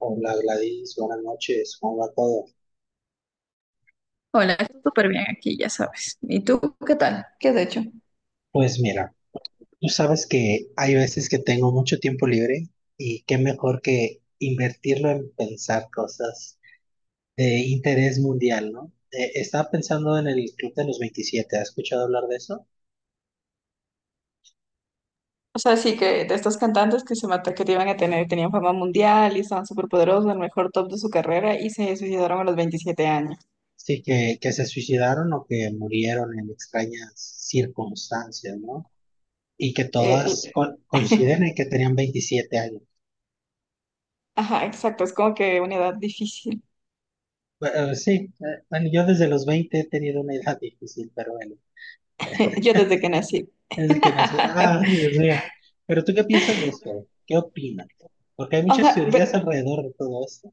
Hola, Gladys, buenas noches, ¿cómo va todo? Hola, estoy súper bien aquí, ya sabes. ¿Y tú qué tal? ¿Qué has hecho? Pues mira, tú sabes que hay veces que tengo mucho tiempo libre y qué mejor que invertirlo en pensar cosas de interés mundial, ¿no? Estaba pensando en el Club de los 27, ¿has escuchado hablar de eso? O sea, sí que de estos cantantes que se mató que te iban a tener, tenían fama mundial y estaban súper poderosos, el mejor top de su carrera y se suicidaron a los 27 años. Sí, que se suicidaron o que murieron en extrañas circunstancias, ¿no? Y que El- todas coinciden en que tenían 27 años. Ajá, exacto, es como que una edad difícil. Sí, bueno, yo desde los 20 he tenido una edad difícil, pero bueno. Yo desde que nací. Es el que nació. Ah, Dios mío. ¿Pero tú qué piensas de esto? ¿Qué opinas? Porque hay O muchas sea, teorías ver- alrededor de todo esto.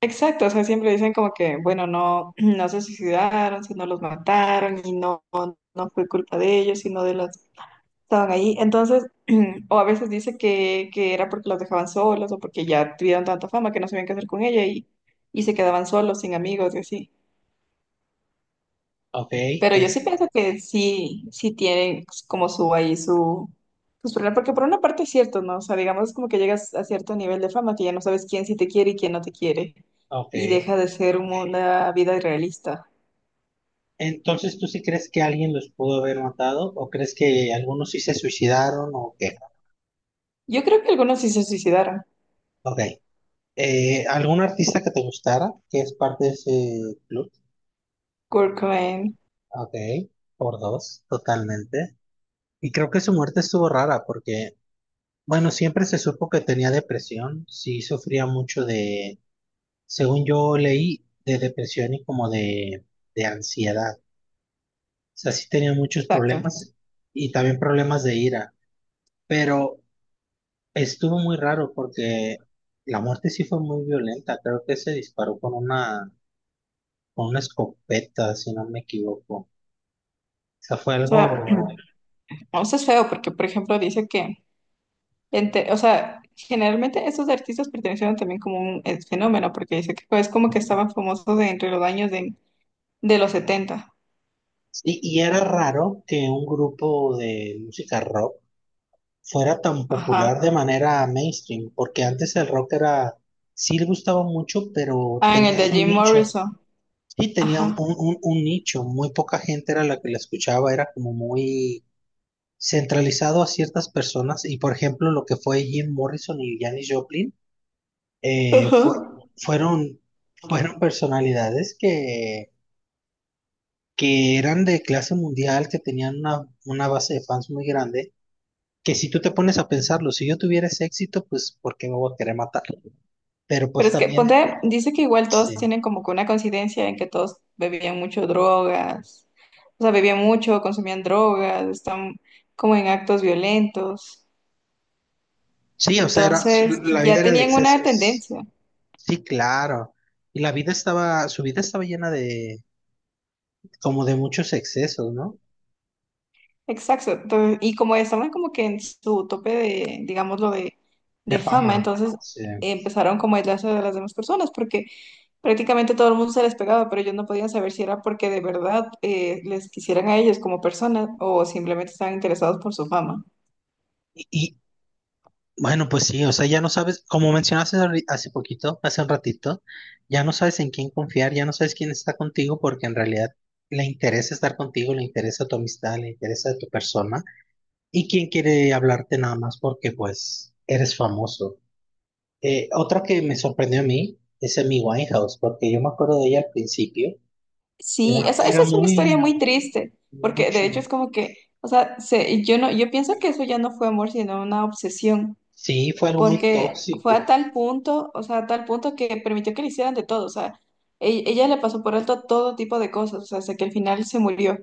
exacto, o sea, siempre dicen como que, bueno, no, no se suicidaron, sino los mataron y no fue culpa de ellos, sino de los estaban ahí. Entonces, o a veces dice que era porque los dejaban solos o porque ya tuvieron tanta fama que no sabían qué hacer con ella y se quedaban solos, sin amigos y así. Ok, Pero yo sí es. pienso que sí, sí tienen como su ahí su, sus problemas, porque por una parte es cierto, ¿no? O sea, digamos es como que llegas a cierto nivel de fama que ya no sabes quién sí te quiere y quién no te quiere Ok. y deja de ser una vida irrealista. Entonces, ¿tú sí crees que alguien los pudo haber matado? ¿O crees que algunos sí se suicidaron? ¿O qué? Yo creo que algunos sí se suicidaron. Ok. ¿Algún artista que te gustara? Que es parte de ese club. Kurt Cobain, Ok. Por dos, totalmente. Y creo que su muerte estuvo rara porque, bueno, siempre se supo que tenía depresión. Sí, sufría mucho de. Según yo leí, de depresión y como de ansiedad. O sea, sí tenía muchos exacto. problemas y también problemas de ira. Pero estuvo muy raro porque la muerte sí fue muy violenta. Creo que se disparó con una escopeta, si no me equivoco. O sea, fue O sea, algo. o sea, es feo porque, por ejemplo, dice que o sea, generalmente esos artistas pertenecieron también como un fenómeno, porque dice que es como que estaban famosos de entre los años de los setenta. Y era raro que un grupo de música rock fuera tan Ajá. popular de manera mainstream, porque antes el rock era. Sí, le gustaba mucho, pero Ah, en el tenía de su Jim nicho. Morrison. Sí, tenía un, Ajá. un nicho, muy poca gente era la que la escuchaba, era como muy centralizado a ciertas personas y por ejemplo lo que fue Jim Morrison y Janis Joplin eh, Ajá. fue- fueron, fueron personalidades que eran de clase mundial, que tenían una base de fans muy grande, que si tú te pones a pensarlo, si yo tuviera ese éxito, pues ¿por qué me voy a querer matar? Pero Pero pues es que también, ponte, dice que igual todos sí, tienen como que una coincidencia en que todos bebían mucho drogas. O sea, bebían mucho, consumían drogas, están como en actos violentos. sí, o sea, era, Entonces, la ya vida era de tenían una excesos. tendencia. Sí, claro. Y la vida estaba, su vida estaba llena de, como de muchos excesos, ¿no? Exacto. Entonces, y como estaban como que en su tope de, digámoslo, De de fama, fama. entonces Sí. empezaron como a aislarse de las demás personas porque prácticamente todo el mundo se les pegaba, pero ellos no podían saber si era porque de verdad les quisieran a ellos como personas o simplemente estaban interesados por su fama. Y, bueno, pues sí, o sea, ya no sabes, como mencionaste hace poquito, hace un ratito, ya no sabes en quién confiar, ya no sabes quién está contigo, porque en realidad le interesa estar contigo, le interesa tu amistad, le interesa tu persona, y quién quiere hablarte nada más porque, pues, eres famoso. Otra que me sorprendió a mí es Amy Winehouse, porque yo me acuerdo de ella al principio. Sí, Era, esa era es una historia muy, muy triste, porque de hecho es mucho. como que, o sea, yo no, yo pienso que eso ya no fue amor, sino una obsesión. Sí, fue algo muy Porque fue a tóxico. tal punto, o sea, a tal punto que permitió que le hicieran de todo, o sea, ella, le pasó por alto todo tipo de cosas, o sea, hasta que al final se murió.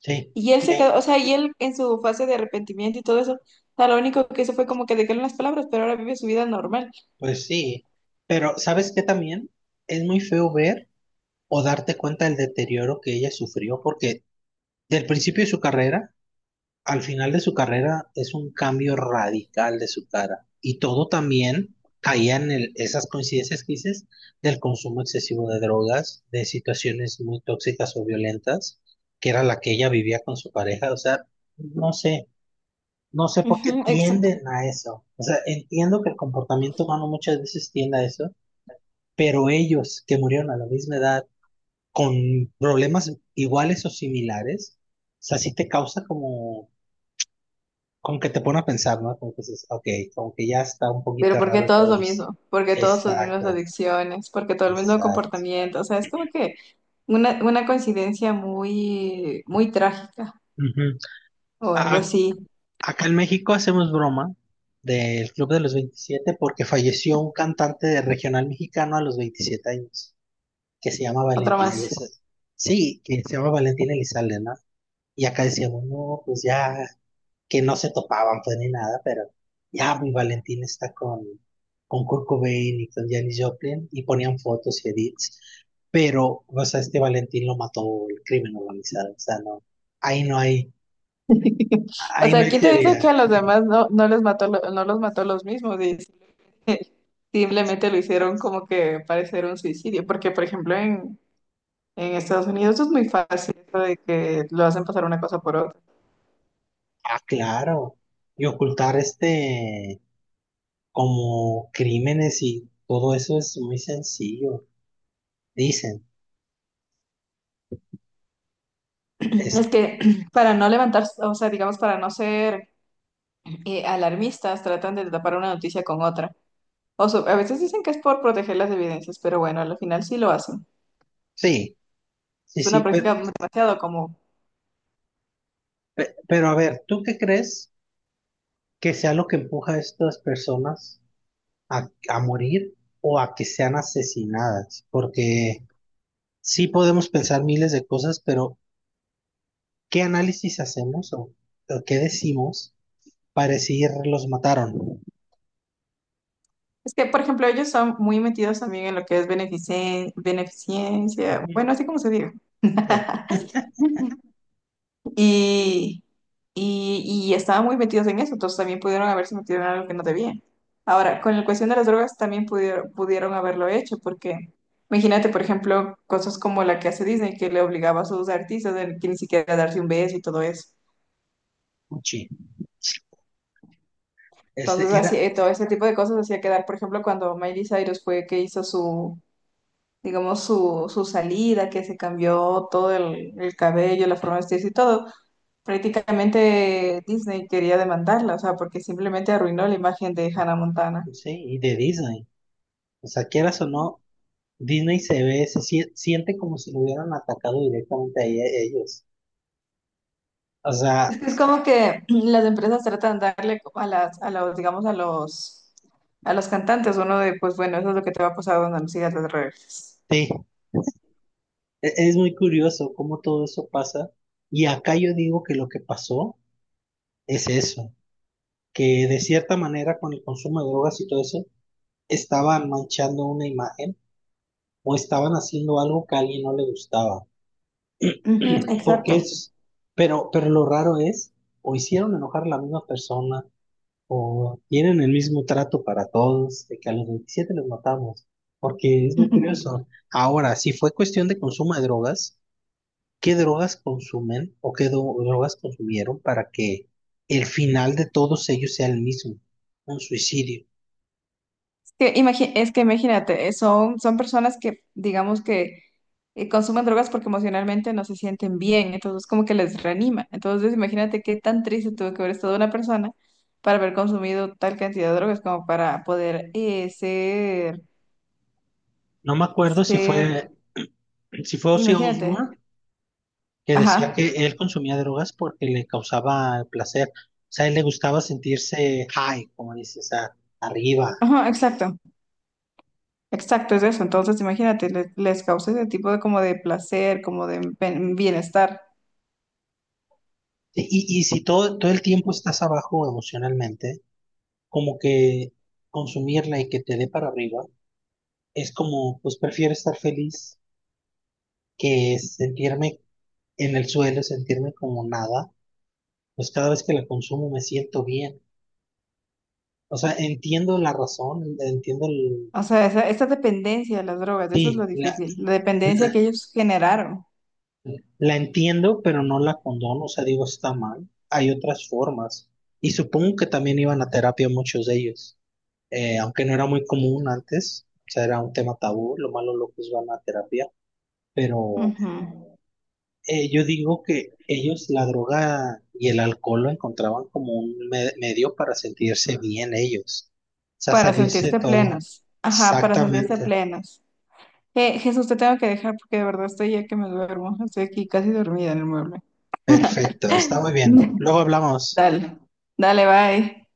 Sí, Y él se y, quedó, o sea, y él en su fase de arrepentimiento y todo eso, o sea, lo único que hizo fue como que dejarle las palabras, pero ahora vive su vida normal. pues sí. Pero, ¿sabes qué también? Es muy feo ver o darte cuenta del deterioro que ella sufrió, porque del principio de su carrera, al final de su carrera, es un cambio radical de su cara. Y todo también caía en esas coincidencias que dices del consumo excesivo de drogas, de situaciones muy tóxicas o violentas, que era la que ella vivía con su pareja. O sea, no sé. No sé por qué Ujú, exacto. tienden a eso. O sea, entiendo que el comportamiento humano muchas veces tiende a eso, pero ellos que murieron a la misma edad con problemas iguales o similares, o sea, sí te causa como, como que te pone a pensar, ¿no? Como que dices, ok, como que ya está un Pero poquito porque raro todos lo entonces. mismo, porque todos las mismas Exacto, adicciones, porque todo el mismo exacto. comportamiento, o sea, es como que una coincidencia muy, muy trágica Ujú. o algo A- así. Acá en México hacemos broma del Club de los veintisiete porque falleció un cantante de regional mexicano a los 27 años, que se llama Otra Valentín más. Elizalde. Sí, que se llama Valentín Elizalde, ¿no? Y acá decíamos, no, pues ya, que no se topaban pues ni nada, pero ya mi Valentín está con Kurt Cobain y con Janis Joplin y ponían fotos y edits, pero, o sea, este Valentín lo mató el crimen organizado, o sea, no, ahí no hay, O ahí no sea, hay ¿quién te dice que teoría. a los demás no, no les mató, no los mató los mismos, dice. Simplemente lo hicieron como que parecer un suicidio, porque por ejemplo en Estados Unidos es muy fácil eso de que lo hacen pasar una cosa por otra. Ah, claro, y ocultar este como crímenes y todo eso es muy sencillo, dicen. Es Es, que para no levantar, o sea, digamos, para no ser alarmistas, tratan de tapar una noticia con otra. A veces dicen que es por proteger las evidencias, pero bueno, al final sí lo hacen. sí. Sí, Es una práctica demasiado común. Pero, a ver, ¿tú qué crees que sea lo que empuja a estas personas a morir o a que sean asesinadas? Porque sí podemos pensar miles de cosas, pero ¿qué análisis hacemos o qué decimos para decir los mataron? Es que, por ejemplo, ellos son muy metidos también en lo que es beneficencia, Ujú. bueno, así como se diga. Sí. Y, y estaban muy metidos en eso, entonces también pudieron haberse metido en algo que no debían. Ahora, con la cuestión de las drogas también pudieron haberlo hecho, porque imagínate, por ejemplo, cosas como la que hace Disney, que le obligaba a sus artistas a que ni siquiera darse un beso y todo eso. Gucci. Ese Entonces, así, era, todo ese tipo de cosas hacía quedar, por ejemplo, cuando Miley Cyrus fue que hizo su, digamos, su salida, que se cambió todo el cabello, la forma de vestirse y todo. Prácticamente Disney quería demandarla, o sea, porque simplemente arruinó la imagen de Hannah Montana. sí, y de Disney. O sea, quieras o no, Disney se ve, siente como si lo hubieran atacado directamente a ellos. O Es sea, que es como que las empresas tratan de darle como a las, a los, digamos, a los cantantes uno de, pues bueno, eso es lo que te va a pasar cuando me sigas las redes. sí. Es muy curioso cómo todo eso pasa. Y acá yo digo que lo que pasó es eso, que de cierta manera con el consumo de drogas y todo eso, estaban manchando una imagen o estaban haciendo algo que a alguien no le gustaba. Ujú, exacto. Porque es, pero lo raro es, o hicieron enojar a la misma persona, o tienen el mismo trato para todos, de que a los 27 los matamos. Porque es Es muy curioso. Ahora, si fue cuestión de consumo de drogas. ¿Qué drogas consumen o qué drogas consumieron para que el final de todos ellos sea el mismo, un suicidio? que, es que imagínate, son, son personas que, digamos que consumen drogas porque emocionalmente no se sienten bien, entonces como que les reanima. Entonces imagínate qué tan triste tuvo que haber estado una persona para haber consumido tal cantidad de drogas como para poder No me acuerdo si ser, fue, si fue Ozzy imagínate, Osbourne que ajá, decía que él consumía drogas porque le causaba placer. O sea, a él le gustaba sentirse high, como dices, o sea, arriba. ajá, exacto, exacto, es eso. Entonces imagínate, les causa ese tipo de como de placer, como de bienestar. Y si todo, todo el tiempo estás abajo emocionalmente, como que consumirla y que te dé para arriba, es como, pues prefiero estar feliz que sentirme en el suelo, sentirme como nada, pues cada vez que la consumo me siento bien. O sea, entiendo la razón, entiendo el. O sea, esa dependencia de las drogas, eso es lo Sí, difícil, la dependencia la, que ellos generaron la entiendo, pero no la condono, o sea, digo, está mal. Hay otras formas. Y supongo que también iban a terapia muchos de ellos, aunque no era muy común antes, o sea, era un tema tabú, lo malo locos van a terapia, pero ujú, yo digo que ellos la droga y el alcohol lo encontraban como un medio para sentirse bien ellos, o sea, para salirse de sentirse todo. plenos. Ajá, para sentirse Exactamente, plenos. Jesús, te tengo que dejar porque de verdad estoy ya que me duermo, estoy aquí casi dormida en el mueble. perfecto, está muy bien. Luego hablamos. Dale, dale, bye.